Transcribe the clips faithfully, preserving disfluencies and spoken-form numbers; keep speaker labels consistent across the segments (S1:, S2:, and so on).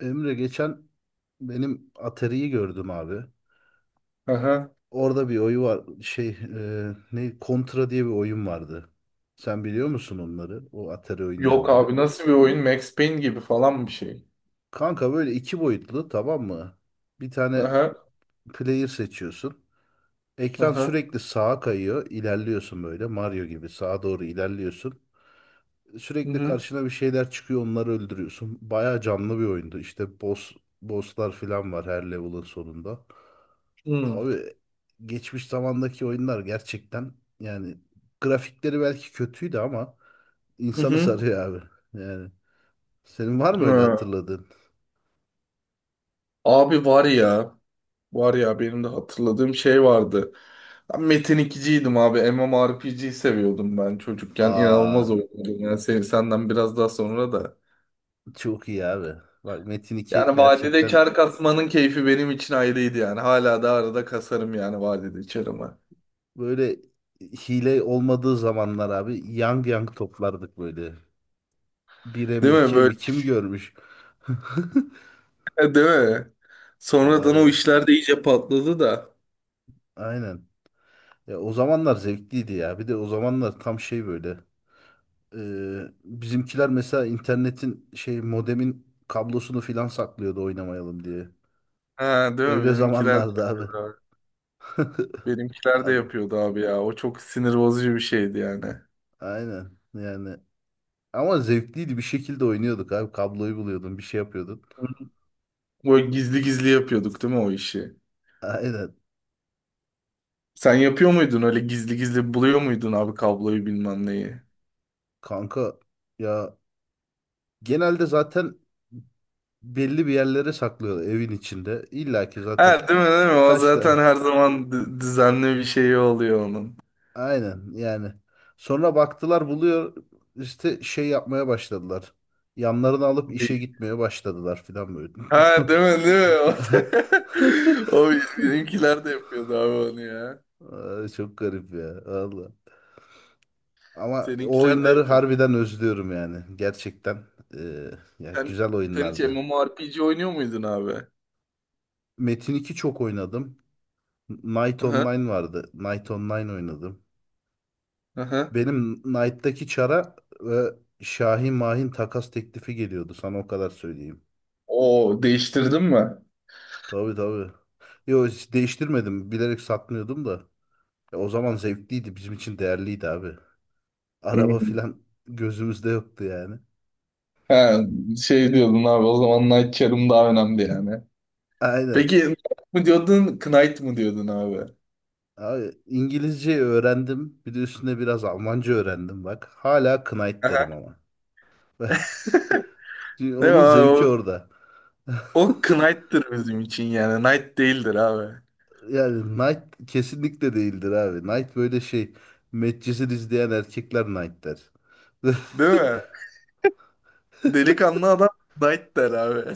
S1: Emre geçen benim Atari'yi gördüm abi.
S2: Aha.
S1: Orada bir oyu var. Şey e, ne Contra diye bir oyun vardı. Sen biliyor musun onları? O Atari
S2: Yok
S1: oyunlarını.
S2: abi nasıl bir oyun? Max Payne gibi falan bir şey.
S1: Kanka böyle iki boyutlu, tamam mı? Bir tane
S2: Aha.
S1: player seçiyorsun. Ekran
S2: Aha.
S1: sürekli sağa kayıyor. İlerliyorsun böyle, Mario gibi sağa doğru ilerliyorsun.
S2: Hı
S1: Sürekli
S2: hı.
S1: karşına bir şeyler çıkıyor, onları öldürüyorsun. Bayağı canlı bir oyundu. İşte boss bosslar falan var her level'ın sonunda.
S2: Hı hı.
S1: Abi geçmiş zamandaki oyunlar gerçekten, yani grafikleri belki kötüydü ama insanı
S2: Hı.
S1: sarıyor abi. Yani senin var mı öyle
S2: Ha.
S1: hatırladığın?
S2: Abi var ya. Var ya benim de hatırladığım şey vardı. Ben Metin ikiciydim abi. M M O R P G'yi seviyordum ben çocukken. İnanılmaz
S1: Aa,
S2: oynuyordum. Yani sen, senden biraz daha sonra da.
S1: çok iyi abi. Bak, Metin iki
S2: Yani vadide
S1: gerçekten
S2: kar kasmanın keyfi benim için ayrıydı yani. Hala da arada kasarım yani vadide karımı.
S1: böyle hile olmadığı zamanlar abi yang yang toplardık böyle. bire mi
S2: Değil mi?
S1: ikiye
S2: Böyle,
S1: mi kim görmüş?
S2: değil mi? Sonradan o
S1: Abi
S2: işler de iyice patladı da.
S1: aynen. Ya o zamanlar zevkliydi ya. Bir de o zamanlar tam şey böyle. Ee, bizimkiler mesela internetin şey, modemin kablosunu filan saklıyordu oynamayalım diye.
S2: Ha, değil mi?
S1: Öyle
S2: Benimkiler de
S1: zamanlardı abi.
S2: yapıyordu abi. Benimkiler de
S1: Abi,
S2: yapıyordu abi ya. O çok sinir bozucu bir şeydi yani.
S1: aynen yani. Ama zevkliydi, bir şekilde oynuyorduk abi. Kabloyu buluyordun, bir şey yapıyordun.
S2: Böyle gizli gizli yapıyorduk değil mi o işi?
S1: Aynen
S2: Sen yapıyor muydun öyle gizli gizli buluyor muydun abi kabloyu bilmem neyi?
S1: kanka, ya genelde zaten belli bir yerlere saklıyorlar evin içinde. İlla ki zaten
S2: Ha değil mi değil mi? O
S1: kaç tane.
S2: zaten her zaman d- düzenli bir şey oluyor onun.
S1: Aynen yani. Sonra baktılar buluyor, işte şey yapmaya başladılar. Yanlarını alıp işe
S2: Bir-
S1: gitmeye başladılar filan böyle.
S2: Ha değil mi değil mi? O, o benimkiler de yapıyordu abi onu ya.
S1: Ay, çok garip ya valla. Ama o
S2: Seninkiler de
S1: oyunları
S2: yapıyor.
S1: harbiden özlüyorum yani. Gerçekten eee, ya
S2: Sen,
S1: güzel
S2: sen hiç
S1: oyunlardı.
S2: MMORPG oynuyor muydun abi?
S1: Metin iki çok oynadım. Knight
S2: Aha,
S1: Online vardı. Knight Online oynadım.
S2: aha.
S1: Benim Knight'taki çara ve Şahin Mahin takas teklifi geliyordu. Sana o kadar söyleyeyim.
S2: O değiştirdin mi?
S1: Tabii tabii. Yo, hiç değiştirmedim. Bilerek satmıyordum da. Ya, o zaman zevkliydi. Bizim için değerliydi abi. Araba
S2: Hmm.
S1: filan gözümüzde yoktu yani.
S2: Ha, şey diyordun abi o zaman Night Charm daha önemli yani.
S1: Aynen.
S2: Peki Knight mı diyordun Knight mı diyordun abi?
S1: Abi İngilizce öğrendim. Bir de üstüne biraz Almanca öğrendim bak. Hala Knight derim
S2: Aha.
S1: ama. Çünkü
S2: Değil mi
S1: onun
S2: abi
S1: zevki
S2: o,
S1: orada.
S2: o Knight'tır bizim için yani Knight değildir abi.
S1: Yani Knight kesinlikle değildir abi. Knight böyle şey. Medcezir izleyen erkekler Knight der.
S2: Değil mi? Delikanlı adam Knight der abi.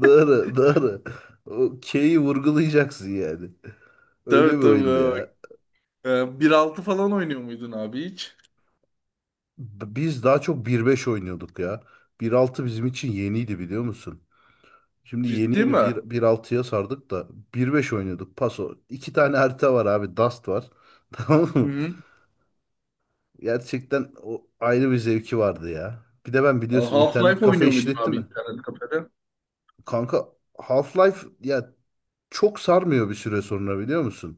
S1: Doğru, doğru. O K'yi vurgulayacaksın yani. Öyle
S2: Tabii
S1: bir
S2: tabii,
S1: oyundu
S2: abi.
S1: ya.
S2: Ee, bir altı falan oynuyor muydun abi hiç?
S1: Biz daha çok bir beş oynuyorduk ya. Bir altı bizim için yeniydi, biliyor musun? Şimdi yeni
S2: Ciddi mi?
S1: yeni
S2: Hı
S1: bir 1.6'ya sardık da bir beş oynuyorduk. Paso. İki tane harita var abi. Dust var. Tamam mı?
S2: hı.
S1: Gerçekten o ayrı bir zevki vardı ya. Bir de ben biliyorsun internet
S2: Half-Life
S1: kafe
S2: oynuyor muydun
S1: işletti
S2: abi
S1: mi?
S2: internet kafede?
S1: Kanka Half-Life ya çok sarmıyor bir süre sonra, biliyor musun?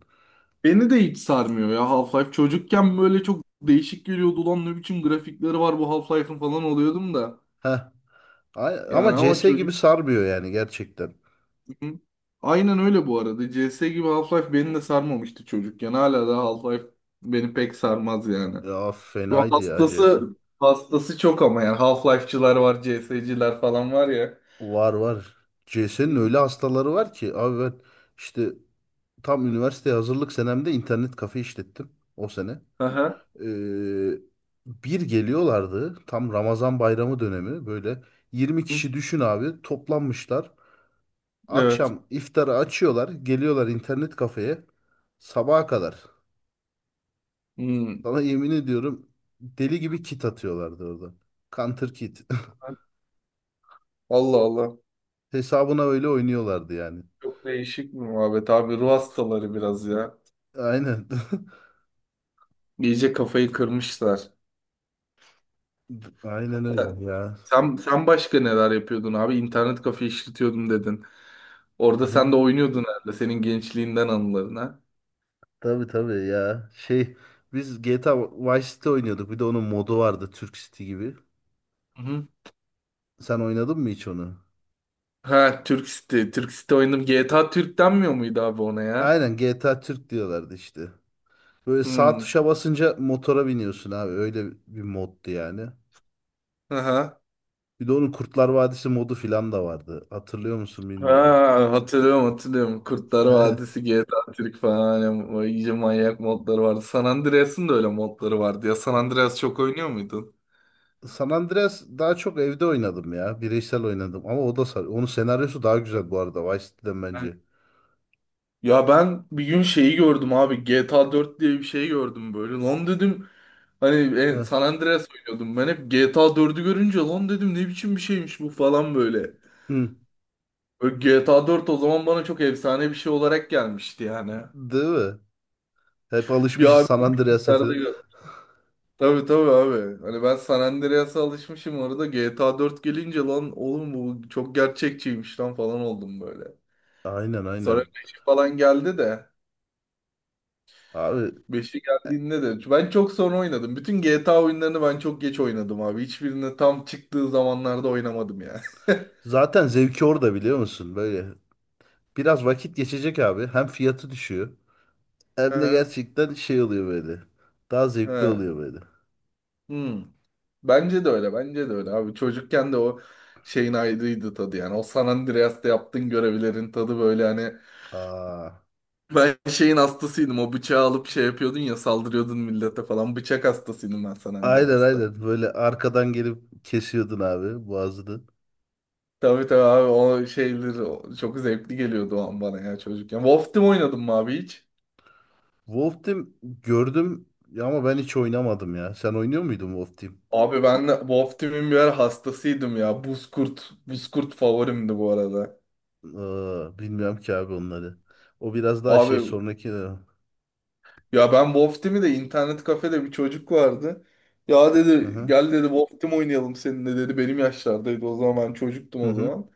S2: Beni de hiç sarmıyor ya Half-Life. Çocukken böyle çok değişik geliyordu. Ulan ne biçim grafikleri var bu Half-Life'ın falan oluyordum da.
S1: Heh. A-
S2: Yani
S1: Ama
S2: ama
S1: C S gibi
S2: çocuk...
S1: sarmıyor yani gerçekten.
S2: Hı. Aynen öyle bu arada. C S gibi Half-Life beni de sarmamıştı çocukken. Hala da Half-Life beni pek sarmaz yani.
S1: Ya
S2: Bu
S1: fenaydı ya C S.
S2: hastası hastası çok ama yani Half-Life'çılar var, C CS'ciler falan var ya.
S1: Var var. C S'nin
S2: Hı.
S1: öyle hastaları var ki abi, ben işte tam üniversiteye hazırlık senemde internet kafe işlettim o sene.
S2: Aha.
S1: Ee, bir geliyorlardı tam Ramazan bayramı dönemi, böyle yirmi
S2: Hı.
S1: kişi düşün abi, toplanmışlar.
S2: Evet.
S1: Akşam iftarı açıyorlar, geliyorlar internet kafeye sabaha kadar.
S2: Hı.
S1: Sana yemin ediyorum, deli gibi kit atıyorlardı orada. Counter kit.
S2: Allah Allah.
S1: Hesabına öyle oynuyorlardı yani.
S2: Çok değişik bir muhabbet abi. Ruh hastaları biraz ya.
S1: Aynen.
S2: İyice kafayı kırmışlar.
S1: Aynen öyle ya.
S2: Sen, sen başka neler yapıyordun abi? İnternet kafe işletiyordum dedin.
S1: Hı
S2: Orada sen
S1: hı.
S2: de oynuyordun herhalde senin gençliğinden anıların ha.
S1: Tabii tabii ya. Şey, biz G T A Vice City oynuyorduk. Bir de onun modu vardı, Türk City gibi.
S2: Hı hı.
S1: Sen oynadın mı hiç onu?
S2: Ha Türk City. Türk City oynadım. G T A Türk denmiyor muydu abi ona ya?
S1: Aynen, G T A Türk diyorlardı işte. Böyle sağ
S2: Hmm.
S1: tuşa basınca motora biniyorsun abi. Öyle bir moddu yani.
S2: Aha.
S1: Bir de onun Kurtlar Vadisi modu filan da vardı. Hatırlıyor musun bilmiyorum.
S2: Ha, hatırlıyorum hatırlıyorum. Kurtlar Vadisi, G T A Türk falan. Yani, o iyice manyak modları vardı. San Andreas'ın da öyle modları vardı ya. San Andreas çok oynuyor muydun?
S1: San Andreas daha çok evde oynadım ya. Bireysel oynadım ama o da sar. Onun senaryosu daha güzel bu arada Vice City'den bence.
S2: Ya ben bir gün şeyi gördüm abi. G T A dört diye bir şey gördüm böyle. Lan dedim hani e,
S1: Heh.
S2: San Andreas oynuyordum. Ben hep G T A dördü görünce lan dedim ne biçim bir şeymiş bu falan böyle.
S1: Hı.
S2: Böyle G T A dört o zaman bana çok efsane bir şey olarak gelmişti yani.
S1: Değil mi? Hep
S2: Bir
S1: alışmışız
S2: abi
S1: San Andreas'a
S2: içeride
S1: falan.
S2: gör- Tabii tabii abi. Hani ben San Andreas'a alışmışım orada G T A dört gelince lan oğlum bu çok gerçekçiymiş lan falan oldum böyle.
S1: Aynen
S2: Sonra
S1: aynen.
S2: beş falan geldi de.
S1: Abi
S2: Beşi geldiğinde de ben çok sonra oynadım. Bütün G T A oyunlarını ben çok geç oynadım abi. Hiçbirini tam çıktığı zamanlarda oynamadım ya.
S1: zaten zevki orada, biliyor musun? Böyle biraz vakit geçecek abi. Hem fiyatı düşüyor hem de
S2: He,
S1: gerçekten şey oluyor böyle. Daha zevkli
S2: he.
S1: oluyor böyle.
S2: Hmm. Bence de öyle. Bence de öyle abi. Çocukken de o şeyin ayrıydı tadı yani. O San Andreas'ta yaptığın görevlerin tadı böyle hani
S1: Aa,
S2: ben şeyin hastasıydım. O bıçağı alıp şey yapıyordun ya saldırıyordun millete falan. Bıçak hastasıydım ben San
S1: aynen
S2: Andreas'ta.
S1: aynen. Böyle arkadan gelip kesiyordun abi boğazını.
S2: Tabii tabii abi o şeyler o- çok zevkli geliyordu o an bana ya çocukken. Wolf Team oynadım mı abi hiç?
S1: Wolf Team gördüm ya, ama ben hiç oynamadım ya. Sen oynuyor muydun Wolf Team?
S2: Abi ben de Wolf Team'in birer hastasıydım ya. Buzkurt, Buzkurt favorimdi bu arada.
S1: Aa, bilmiyorum ki abi onları. O biraz daha
S2: Abi
S1: şey sonraki... Hı
S2: ya ben Wolf Team'i de internet kafede bir çocuk vardı. Ya dedi
S1: hı.
S2: gel dedi Wolf Team oynayalım seninle dedi. Benim yaşlardaydı o zaman ben çocuktum
S1: Hı
S2: o
S1: hı.
S2: zaman.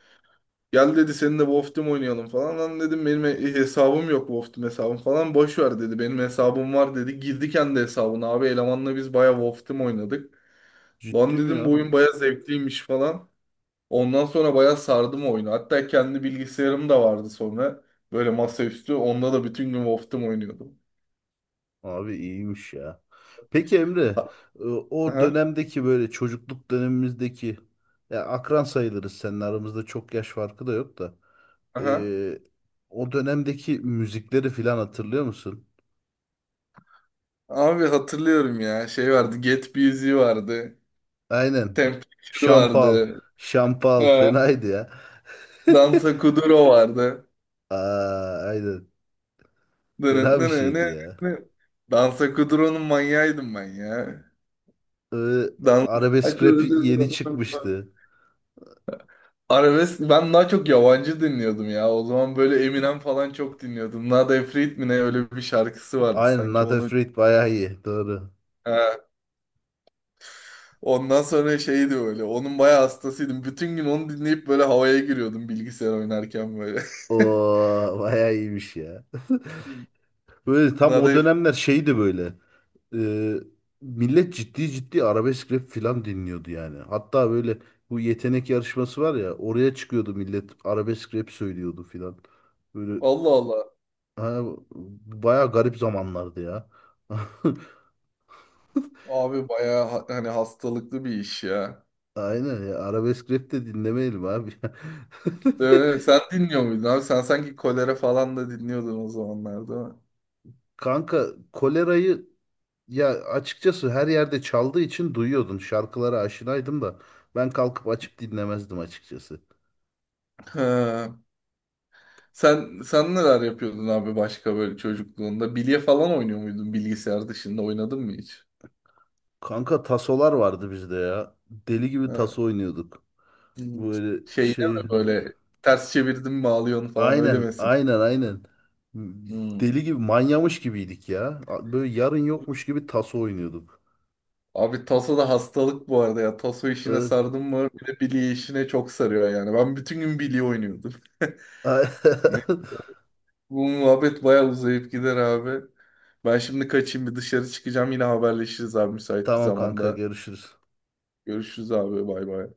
S2: Gel dedi seninle Wolf Team oynayalım falan. Lan dedim benim he- hesabım yok Wolf Team hesabım falan. Boş ver dedi benim hesabım var dedi. Girdi kendi hesabına abi elemanla biz baya Wolf Team oynadık.
S1: Ciddi
S2: Lan
S1: mi
S2: dedim
S1: ya?
S2: bu oyun baya zevkliymiş falan. Ondan sonra bayağı sardım oyunu. Hatta kendi bilgisayarım da vardı sonra. Böyle masaüstü. Onda da bütün gün Wolf'tum oynuyordum.
S1: Abi iyiymiş ya. Peki Emre,
S2: Ha-
S1: e, o
S2: Aha,
S1: dönemdeki böyle çocukluk dönemimizdeki, ya akran sayılırız, senin aramızda çok yaş farkı da yok da.
S2: aha.
S1: E, o dönemdeki müzikleri filan hatırlıyor musun?
S2: Abi hatırlıyorum ya. Şey vardı. Get Busy vardı.
S1: Aynen.
S2: Temperature
S1: Şampal,
S2: vardı.
S1: şampal
S2: Ha.
S1: fenaydı ya.
S2: Dansa Kuduro vardı.
S1: Aa, aynen.
S2: Dını,
S1: Fena bir
S2: dını,
S1: şeydi
S2: nı,
S1: ya.
S2: nı. Dansa Kuduro'nun manyağıydım ben ya.
S1: E,
S2: Dansa
S1: arabesk rap
S2: Kuduro.
S1: yeni çıkmıştı.
S2: Arabesk ben daha çok yabancı dinliyordum ya. O zaman böyle Eminem falan çok dinliyordum. Nada Efrit mi ne öyle bir şarkısı vardı
S1: Aynen,
S2: sanki
S1: Not
S2: onu.
S1: Afraid bayağı iyi. Doğru.
S2: He. Ondan sonra şeydi böyle. Onun bayağı hastasıydım. Bütün gün onu dinleyip böyle havaya giriyordum bilgisayar oynarken böyle.
S1: Oo, bayağı iyiymiş ya. Böyle tam
S2: Nada
S1: o
S2: Efrit.
S1: dönemler şeydi böyle. e, millet ciddi ciddi arabesk rap filan dinliyordu yani. Hatta böyle bu yetenek yarışması var ya, oraya çıkıyordu millet arabesk rap söylüyordu filan. Böyle
S2: Allah Allah.
S1: ha, baya garip zamanlardı ya.
S2: Abi bayağı ha- hani hastalıklı bir iş ya.
S1: Aynen ya, arabesk rap de dinlemeyelim abi.
S2: Ee, sen dinliyor muydun abi? Sen sanki kolera falan da dinliyordun o zamanlarda.
S1: Kanka kolerayı ya, açıkçası her yerde çaldığı için duyuyordun. Şarkılara aşinaydım da ben kalkıp açıp dinlemezdim açıkçası.
S2: Ha. Sen sen neler yapıyordun abi başka böyle çocukluğunda? Bilye falan oynuyor muydun bilgisayar dışında? Oynadın mı hiç?
S1: Kanka tasolar vardı bizde ya. Deli gibi
S2: Ha.
S1: taso oynuyorduk.
S2: Hmm.
S1: Böyle
S2: Şey mi
S1: şey...
S2: böyle ters çevirdim mi ağlıyorsun falan öyle
S1: Aynen,
S2: misin?
S1: aynen, aynen.
S2: Hmm.
S1: Deli gibi, manyamış gibiydik ya. Böyle yarın yokmuş gibi taso oynuyorduk.
S2: Abi taso da hastalık bu arada ya. Taso işine
S1: Ee,
S2: sardım mı bir de bilye işine çok sarıyor yani. Ben bütün gün bilye oynuyordum. Ne? Bu muhabbet bayağı uzayıp gider abi. Ben şimdi kaçayım bir dışarı çıkacağım. Yine haberleşiriz abi müsait bir
S1: Tamam kanka,
S2: zamanda.
S1: görüşürüz.
S2: Görüşürüz abi bay bay.